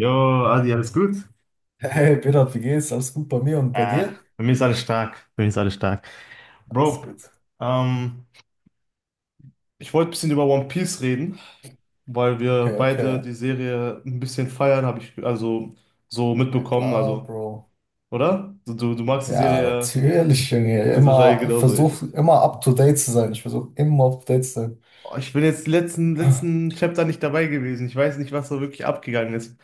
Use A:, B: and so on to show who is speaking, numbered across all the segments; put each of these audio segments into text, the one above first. A: Jo, Adi, alles gut?
B: Hey, Berat, wie geht's? Alles gut bei mir und bei
A: Äh,
B: dir?
A: bei mir ist alles stark. Bei mir ist alles stark.
B: Alles
A: Bro,
B: gut.
A: ähm, ich wollte ein bisschen über One Piece reden, weil wir
B: Okay,
A: beide
B: okay.
A: die Serie ein bisschen feiern, habe ich also so
B: Ja
A: mitbekommen,
B: klar,
A: also,
B: Bro.
A: oder? Du magst die
B: Ja,
A: Serie
B: natürlich, Junge.
A: also wahrscheinlich
B: Immer
A: genauso. Ich,
B: versuch immer up to date zu sein. Ich versuche immer up to date zu sein.
A: oh, ich bin jetzt letzten Chapter nicht dabei gewesen. Ich weiß nicht, was da wirklich abgegangen ist.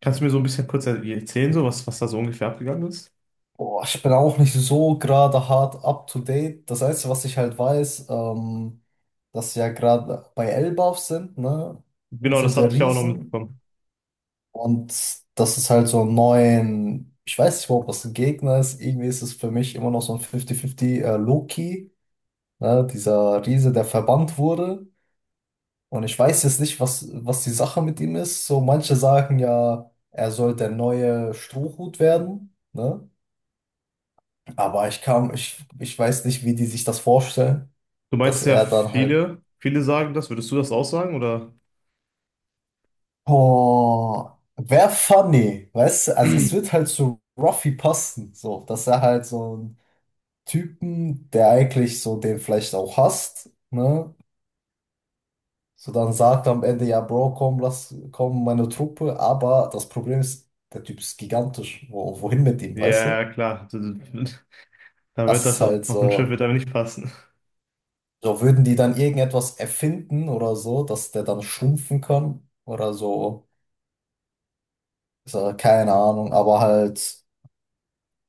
A: Kannst du mir so ein bisschen kurz erzählen, so was da so ungefähr abgegangen ist?
B: Boah, ich bin auch nicht so gerade hart up to date. Das Einzige, was ich halt weiß, dass wir ja gerade bei Elbaf sind, ne?
A: Genau,
B: Insel
A: das
B: der
A: hatte ich auch noch
B: Riesen.
A: mitbekommen.
B: Und das ist halt so ein neuen, ich weiß nicht, überhaupt, was ein Gegner ist. Irgendwie ist es für mich immer noch so ein 50-50, Loki. Ne? Dieser Riese, der verbannt wurde. Und ich weiß jetzt nicht, was die Sache mit ihm ist. So, manche sagen ja, er soll der neue Strohhut werden. Ne? Aber ich kam, ich weiß nicht, wie die sich das vorstellen,
A: Du
B: dass
A: meinst ja,
B: er dann halt,
A: viele sagen das. Würdest du das auch sagen, oder?
B: oh, wär funny, weißt du? Also es wird halt zu Ruffy passen, so, dass er halt so ein Typen, der eigentlich so den vielleicht auch hasst, ne? So, dann sagt er am Ende, ja, Bro, komm, lass, komm, meine Truppe. Aber das Problem ist, der Typ ist gigantisch. Wohin mit ihm, weißt
A: Ja,
B: du?
A: klar. Da wird
B: Das
A: das
B: ist
A: auf
B: halt
A: auf dem Schiff wird
B: so,
A: aber nicht passen.
B: so würden die dann irgendetwas erfinden oder so, dass der dann schrumpfen kann oder so, so keine Ahnung, aber halt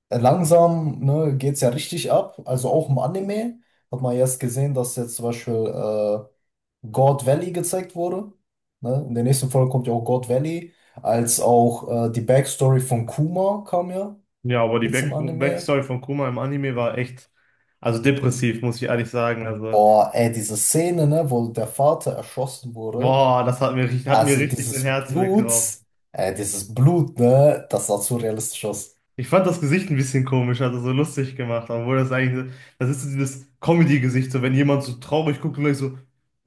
B: langsam, ne, geht's ja richtig ab. Also auch im Anime hat man jetzt gesehen, dass jetzt zum Beispiel God Valley gezeigt wurde. Ne? In der nächsten Folge kommt ja auch God Valley, als auch die Backstory von Kuma kam ja
A: Ja, aber die
B: jetzt im
A: Back
B: Anime.
A: Backstory von Kuma im Anime war echt, also depressiv, muss ich ehrlich sagen. Also,
B: Boah, ey, diese Szene, ne, wo der Vater erschossen wurde,
A: boah, das hat mir
B: also
A: richtig den Herz weggeraubt.
B: Dieses Blut, ne, das sah zu realistisch aus.
A: Ich fand das Gesicht ein bisschen komisch, also so lustig gemacht, das ist so dieses Comedy-Gesicht, so wenn jemand so traurig guckt und gleich so,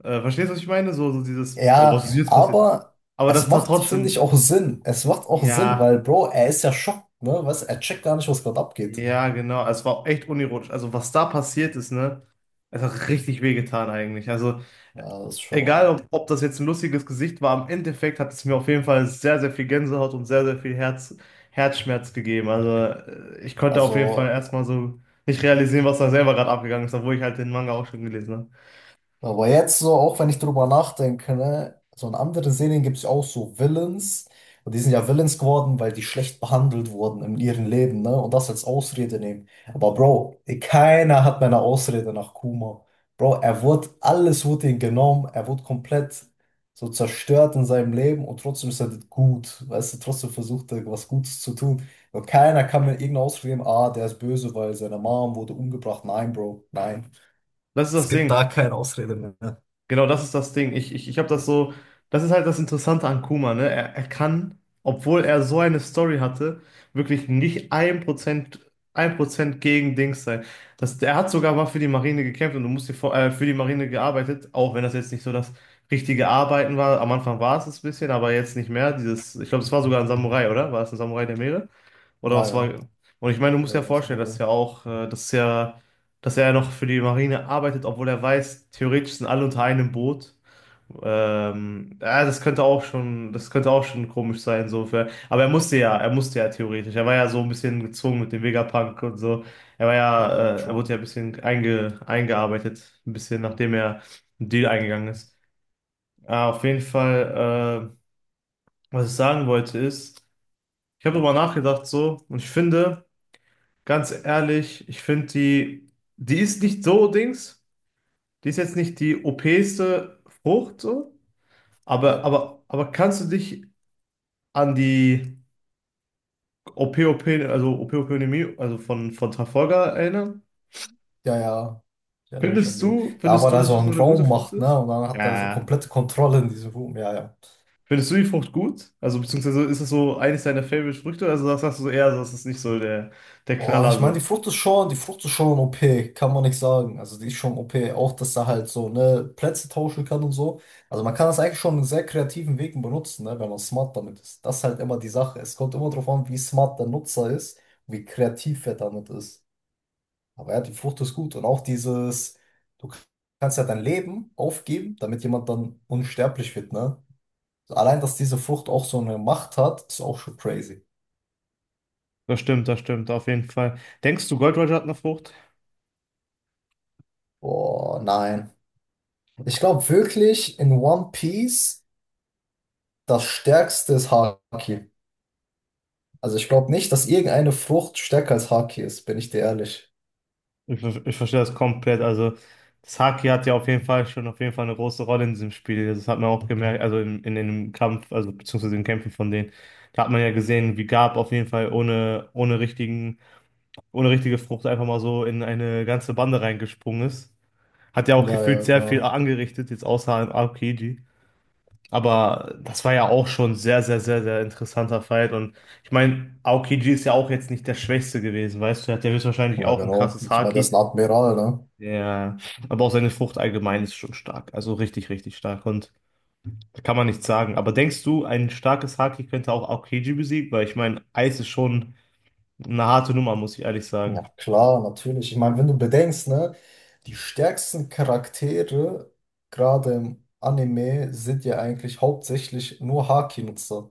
A: verstehst du, was ich meine? So, so dieses, boah, was ist
B: Ja,
A: jetzt passiert?
B: aber
A: Aber
B: es
A: das tat
B: macht, finde ich,
A: trotzdem,
B: auch Sinn. Es macht auch Sinn, weil,
A: ja.
B: Bro, er ist ja schockt, ne, weißt, du, er checkt gar nicht, was gerade abgeht.
A: Ja, genau. Es war auch echt unironisch. Also, was da passiert ist, ne? Es hat richtig wehgetan eigentlich. Also,
B: Ja, das ist
A: egal
B: schon,
A: ob das jetzt ein lustiges Gesicht war, im Endeffekt hat es mir auf jeden Fall sehr, sehr viel Gänsehaut und sehr, sehr viel Herzschmerz gegeben. Also, ich konnte auf jeden Fall
B: also.
A: erstmal so nicht realisieren, was da selber gerade abgegangen ist, obwohl ich halt den Manga auch schon gelesen habe.
B: Aber jetzt so, auch wenn ich drüber nachdenke, ne, so in anderen Serien gibt es ja auch so Villains. Und die sind ja Villains geworden, weil die schlecht behandelt wurden in ihrem Leben, ne? Und das als Ausrede nehmen. Aber Bro, keiner hat meine Ausrede nach Kuma. Bro, alles wurde ihm genommen, er wurde komplett so zerstört in seinem Leben und trotzdem ist er gut. Weißt du, trotzdem versucht er, was Gutes zu tun. Und keiner kann mir irgendeine Ausrede geben, ah, der ist böse, weil seine Mom wurde umgebracht. Nein, Bro, nein.
A: Das ist
B: Es
A: das
B: gibt
A: Ding.
B: da keine Ausrede mehr.
A: Genau, das ist das Ding. Ich habe das so, das ist halt das Interessante an Kuma, ne? Er kann, obwohl er so eine Story hatte, wirklich nicht ein Prozent, ein Prozent gegen Dings sein. Das, er hat sogar mal für die Marine gekämpft und du musst dir vor, für die Marine gearbeitet, auch wenn das jetzt nicht so das richtige Arbeiten war. Am Anfang war es ein bisschen, aber jetzt nicht mehr. Dieses, ich glaube, es war sogar ein Samurai, oder? War es ein Samurai der Meere? Oder
B: Ja,
A: was war.
B: ja,
A: Und ich meine, du musst
B: ja,
A: dir ja
B: da war
A: vorstellen, dass
B: Samurai.
A: ja auch, dass ja, dass er ja noch für die Marine arbeitet, obwohl er weiß, theoretisch sind alle unter einem Boot. Ja, das könnte auch schon komisch sein, aber er musste ja theoretisch. Er war ja so ein bisschen gezwungen mit dem Vegapunk und so. Er war ja,
B: Ja,
A: er wurde ja
B: true.
A: ein bisschen eingearbeitet, ein bisschen nachdem er einen Deal eingegangen ist. Ah, auf jeden Fall, was ich sagen wollte ist, ich habe darüber nachgedacht so und ich finde, ganz ehrlich, ich finde die ist nicht so Dings, die ist jetzt nicht die OPste Frucht so, aber,
B: Yep.
A: aber, aber kannst du dich an die OP-OP, also OP-Ökonomie, also von Trafalgar erinnern?
B: Ja, ja, ich erinnere mich an
A: Findest
B: den.
A: du,
B: Da
A: findest
B: war
A: du,
B: da
A: dass
B: so
A: es so
B: ein
A: eine gute
B: Raum
A: Frucht
B: macht, ne?
A: ist?
B: Und dann hat er so
A: Ja.
B: komplette Kontrolle in diesem Raum. Ja, ja.
A: Findest du die Frucht gut? Also beziehungsweise ist es so eines deiner Favorite-Früchte? Also das sagst du so eher, so, das ist nicht so der, der
B: Boah, ich
A: Knaller
B: meine,
A: so.
B: Die Frucht ist schon OP, kann man nicht sagen. Also die ist schon OP, auch dass er halt so, ne, Plätze tauschen kann und so. Also man kann das eigentlich schon in sehr kreativen Wegen benutzen, ne, wenn man smart damit ist. Das ist halt immer die Sache. Es kommt immer darauf an, wie smart der Nutzer ist, wie kreativ er damit ist. Aber ja, die Flucht ist gut. Und auch dieses, du kannst ja dein Leben aufgeben, damit jemand dann unsterblich wird, ne? Also allein, dass diese Flucht auch so eine Macht hat, ist auch schon crazy.
A: Das stimmt, auf jeden Fall. Denkst du, Gold Roger hat eine Frucht?
B: Boah, nein. Ich glaube wirklich, in One Piece das Stärkste ist Haki. Also ich glaube nicht, dass irgendeine Frucht stärker als Haki ist, bin ich dir ehrlich.
A: Ich verstehe das komplett. Also, das Haki hat ja auf jeden Fall schon auf jeden Fall eine große Rolle in diesem Spiel. Das hat man auch gemerkt, also in dem Kampf, also beziehungsweise den Kämpfen von denen. Da hat man ja gesehen, wie Garp auf jeden Fall ohne richtige Frucht einfach mal so in eine ganze Bande reingesprungen ist. Hat ja auch
B: Ja,
A: gefühlt
B: ja,
A: sehr viel
B: genau.
A: angerichtet, jetzt außer im Aokiji. Aber das war ja auch schon sehr, sehr, sehr, sehr interessanter Fight. Und ich meine, Aokiji ist ja auch jetzt nicht der Schwächste gewesen, weißt du? Er hat ja höchstwahrscheinlich
B: Ja,
A: auch ein
B: genau.
A: krasses
B: Ich meine, das ist
A: Haki.
B: ein Admiral, ne?
A: Ja, aber auch seine Frucht allgemein ist schon stark. Also richtig, richtig stark. Und da kann man nichts sagen. Aber denkst du, ein starkes Haki könnte auch Aokiji besiegen? Weil ich meine, Eis ist schon eine harte Nummer, muss ich ehrlich
B: Ja,
A: sagen.
B: klar, natürlich. Ich meine, wenn du bedenkst, ne, die stärksten Charaktere, gerade im Anime, sind ja eigentlich hauptsächlich nur Haki-Nutzer.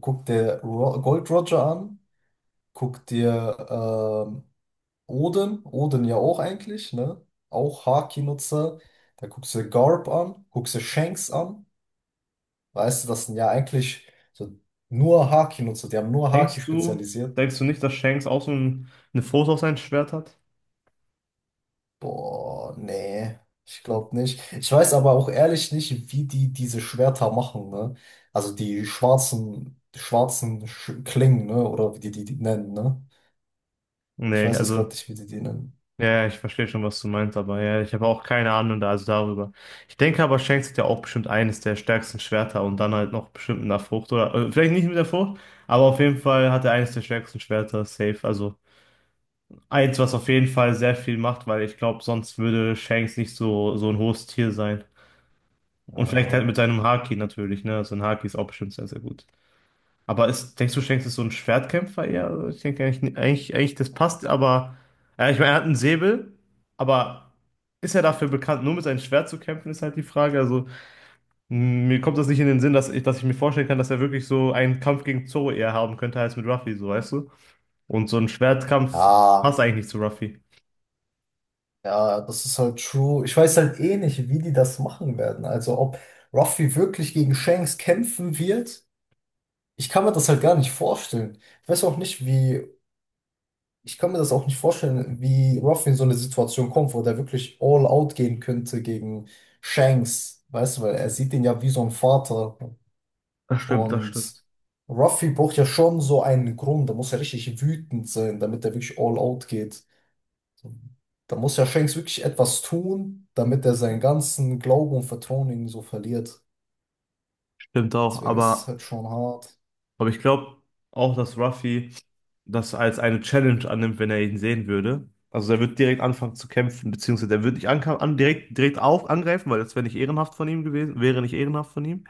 B: Guck dir Ro Gold Roger an, guck dir Odin ja auch eigentlich, ne? Auch Haki-Nutzer. Da guckst du Garp an, guckst du Shanks an. Weißt du, das sind ja eigentlich so nur Haki-Nutzer, die haben nur Haki
A: Denkst du,
B: spezialisiert.
A: denkst du nicht, dass Shanks auch so ein, eine Frucht auf sein Schwert hat?
B: Boah, nee, ich
A: Hm.
B: glaube nicht. Ich weiß aber auch ehrlich nicht, wie die diese Schwerter machen, ne? Also die schwarzen Sch Klingen, ne? Oder wie die nennen, ne? Ich
A: Nee,
B: weiß jetzt gerade
A: also.
B: nicht, wie die die nennen.
A: Ja, ja, ich verstehe schon, was du meinst, aber ja, ich habe auch keine Ahnung da, also darüber. Ich denke aber, Shanks hat ja auch bestimmt eines der stärksten Schwerter und dann halt noch bestimmt mit einer Frucht oder vielleicht nicht mit der Frucht, aber auf jeden Fall hat er eines der stärksten Schwerter safe. Also eins, was auf jeden Fall sehr viel macht, weil ich glaube, sonst würde Shanks nicht so ein hohes Tier sein. Und vielleicht halt
B: Naja.
A: mit seinem Haki natürlich, ne? Also ein Haki ist auch bestimmt sehr, sehr gut. Aber ist, denkst du, Shanks ist so ein Schwertkämpfer eher? Also ich denke eigentlich, das passt, aber ja, ich meine, er hat einen Säbel, aber ist er dafür bekannt, nur mit seinem Schwert zu kämpfen, ist halt die Frage. Also, mir kommt das nicht in den Sinn, dass ich mir vorstellen kann, dass er wirklich so einen Kampf gegen Zoro eher haben könnte als mit Ruffy, so weißt du? Und so ein Schwertkampf passt
B: Ja,
A: eigentlich nicht zu Ruffy.
B: ja, das ist halt true. Ich weiß halt eh nicht, wie die das machen werden. Also ob Ruffy wirklich gegen Shanks kämpfen wird, ich kann mir das halt gar nicht vorstellen. Ich weiß auch nicht, wie Ich kann mir das auch nicht vorstellen, wie Ruff in so eine Situation kommt, wo der wirklich all out gehen könnte gegen Shanks, weißt du, weil er sieht ihn ja wie so ein Vater.
A: Das stimmt, das
B: Und
A: stimmt.
B: Ruffy braucht ja schon so einen Grund, da muss er richtig wütend sein, damit er wirklich all out geht. Da muss ja Shanks wirklich etwas tun, damit er seinen ganzen Glauben und Vertrauen in ihn so verliert.
A: Stimmt auch,
B: Deswegen ist es
A: aber.
B: halt schon hart.
A: Aber ich glaube auch, dass Ruffy das als eine Challenge annimmt, wenn er ihn sehen würde. Also er wird direkt anfangen zu kämpfen, beziehungsweise er wird nicht direkt auf angreifen, weil das wäre nicht ehrenhaft von ihm gewesen, wäre nicht ehrenhaft von ihm.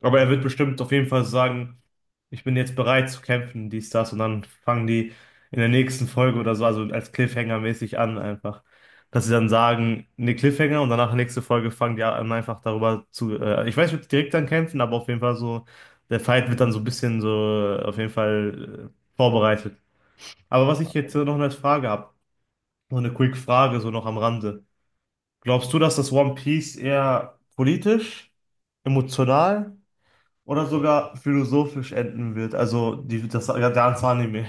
A: Aber er wird bestimmt auf jeden Fall sagen, ich bin jetzt bereit zu kämpfen, dies, das. Und dann fangen die in der nächsten Folge oder so, also als Cliffhanger-mäßig an einfach. Dass sie dann sagen, ne Cliffhanger und danach nächste Folge fangen die an, einfach darüber zu. Ich weiß nicht, ob die direkt dann kämpfen, aber auf jeden Fall so, der Fight wird dann so ein
B: Mhm.
A: bisschen so auf jeden Fall vorbereitet. Aber was ich jetzt noch als Frage habe, so eine Quick-Frage, so noch am Rande. Glaubst du, dass das One Piece eher politisch, emotional? Oder sogar philosophisch enden wird. Also die, das ja, ganze Anime,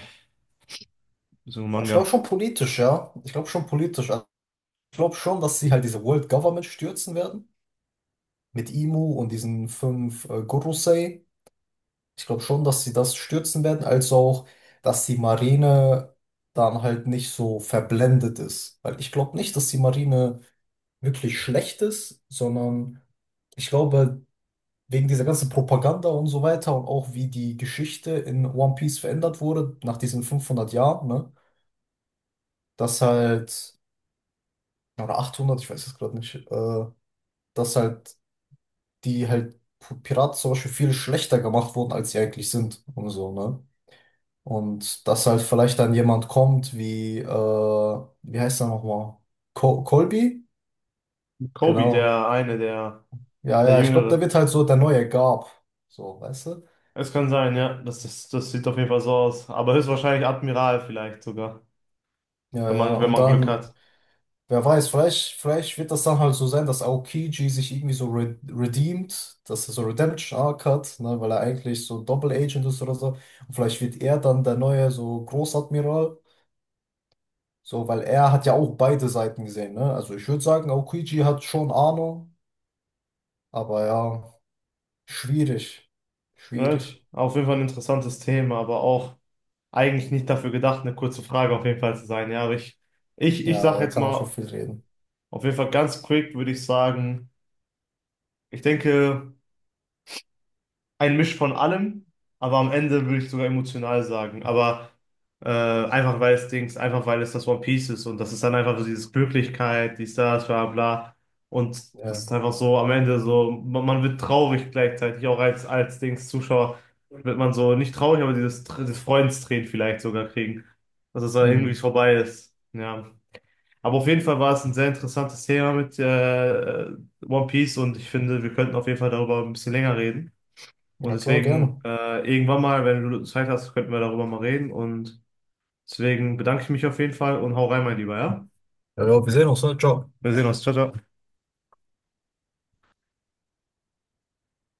A: so ein
B: Aber ich
A: Manga.
B: glaube schon politisch, ja. Ich glaube schon politisch. Also ich glaube schon, dass sie halt diese World Government stürzen werden, mit Imu und diesen 5 Gurusei. Ich glaube schon, dass sie das stürzen werden, als auch, dass die Marine dann halt nicht so verblendet ist. Weil ich glaube nicht, dass die Marine wirklich schlecht ist, sondern ich glaube, wegen dieser ganzen Propaganda und so weiter und auch wie die Geschichte in One Piece verändert wurde, nach diesen 500 Jahren, ne, dass halt, oder 800, ich weiß es gerade nicht, dass halt die halt Piraten zum Beispiel viel schlechter gemacht wurden, als sie eigentlich sind und so, ne? Und dass halt vielleicht dann jemand kommt wie, wie heißt er nochmal? Colby?
A: Kobe,
B: Genau.
A: der eine, der,
B: Ja,
A: der
B: ja, ich glaube, der
A: Jüngere.
B: wird halt so der neue Garp. So, weißt du?
A: Es kann sein, ja. Das sieht auf jeden Fall so aus. Aber höchstwahrscheinlich Admiral vielleicht sogar,
B: Ja,
A: wenn
B: ja,
A: man, wenn
B: und
A: man Glück
B: dann,
A: hat.
B: vielleicht wird das dann halt so sein, dass Aokiji sich irgendwie so re redeemt, dass er so Redemption Arc hat, ne, weil er eigentlich so Double Agent ist oder so. Und vielleicht wird er dann der neue so Großadmiral. So, weil er hat ja auch beide Seiten gesehen, ne? Also ich würde sagen, Aokiji hat schon Ahnung, aber ja, schwierig.
A: Right?
B: Schwierig.
A: Auf jeden Fall ein interessantes Thema, aber auch eigentlich nicht dafür gedacht, eine kurze Frage auf jeden Fall zu sein. Ja, aber ich
B: Ja,
A: sage
B: da
A: jetzt
B: kann man schon
A: mal,
B: viel reden.
A: auf jeden Fall ganz quick würde ich sagen, ich denke. Ein Misch von allem, aber am Ende würde ich sogar emotional sagen. Aber einfach weil es Dings, einfach weil es das One Piece ist und das ist dann einfach so dieses Glücklichkeit, dies, das, bla bla. Und das
B: Ja,
A: ist einfach so am Ende so, man wird traurig gleichzeitig, auch als Dings Zuschauer wird man so nicht traurig, aber dieses Freudentränen vielleicht sogar kriegen, dass es dann irgendwie
B: mhm.
A: vorbei ist. Ja. Aber auf jeden Fall war es ein sehr interessantes Thema mit One Piece und ich finde, wir könnten auf jeden Fall darüber ein bisschen länger reden. Und
B: Ja, klar,
A: deswegen,
B: gerne.
A: irgendwann mal, wenn du Zeit hast, könnten wir darüber mal reden. Und deswegen bedanke ich mich auf jeden Fall und hau rein, mein Lieber, ja?
B: Ja, ja, wir sehen uns, ne? Ciao.
A: Wir sehen uns. Ciao, ciao.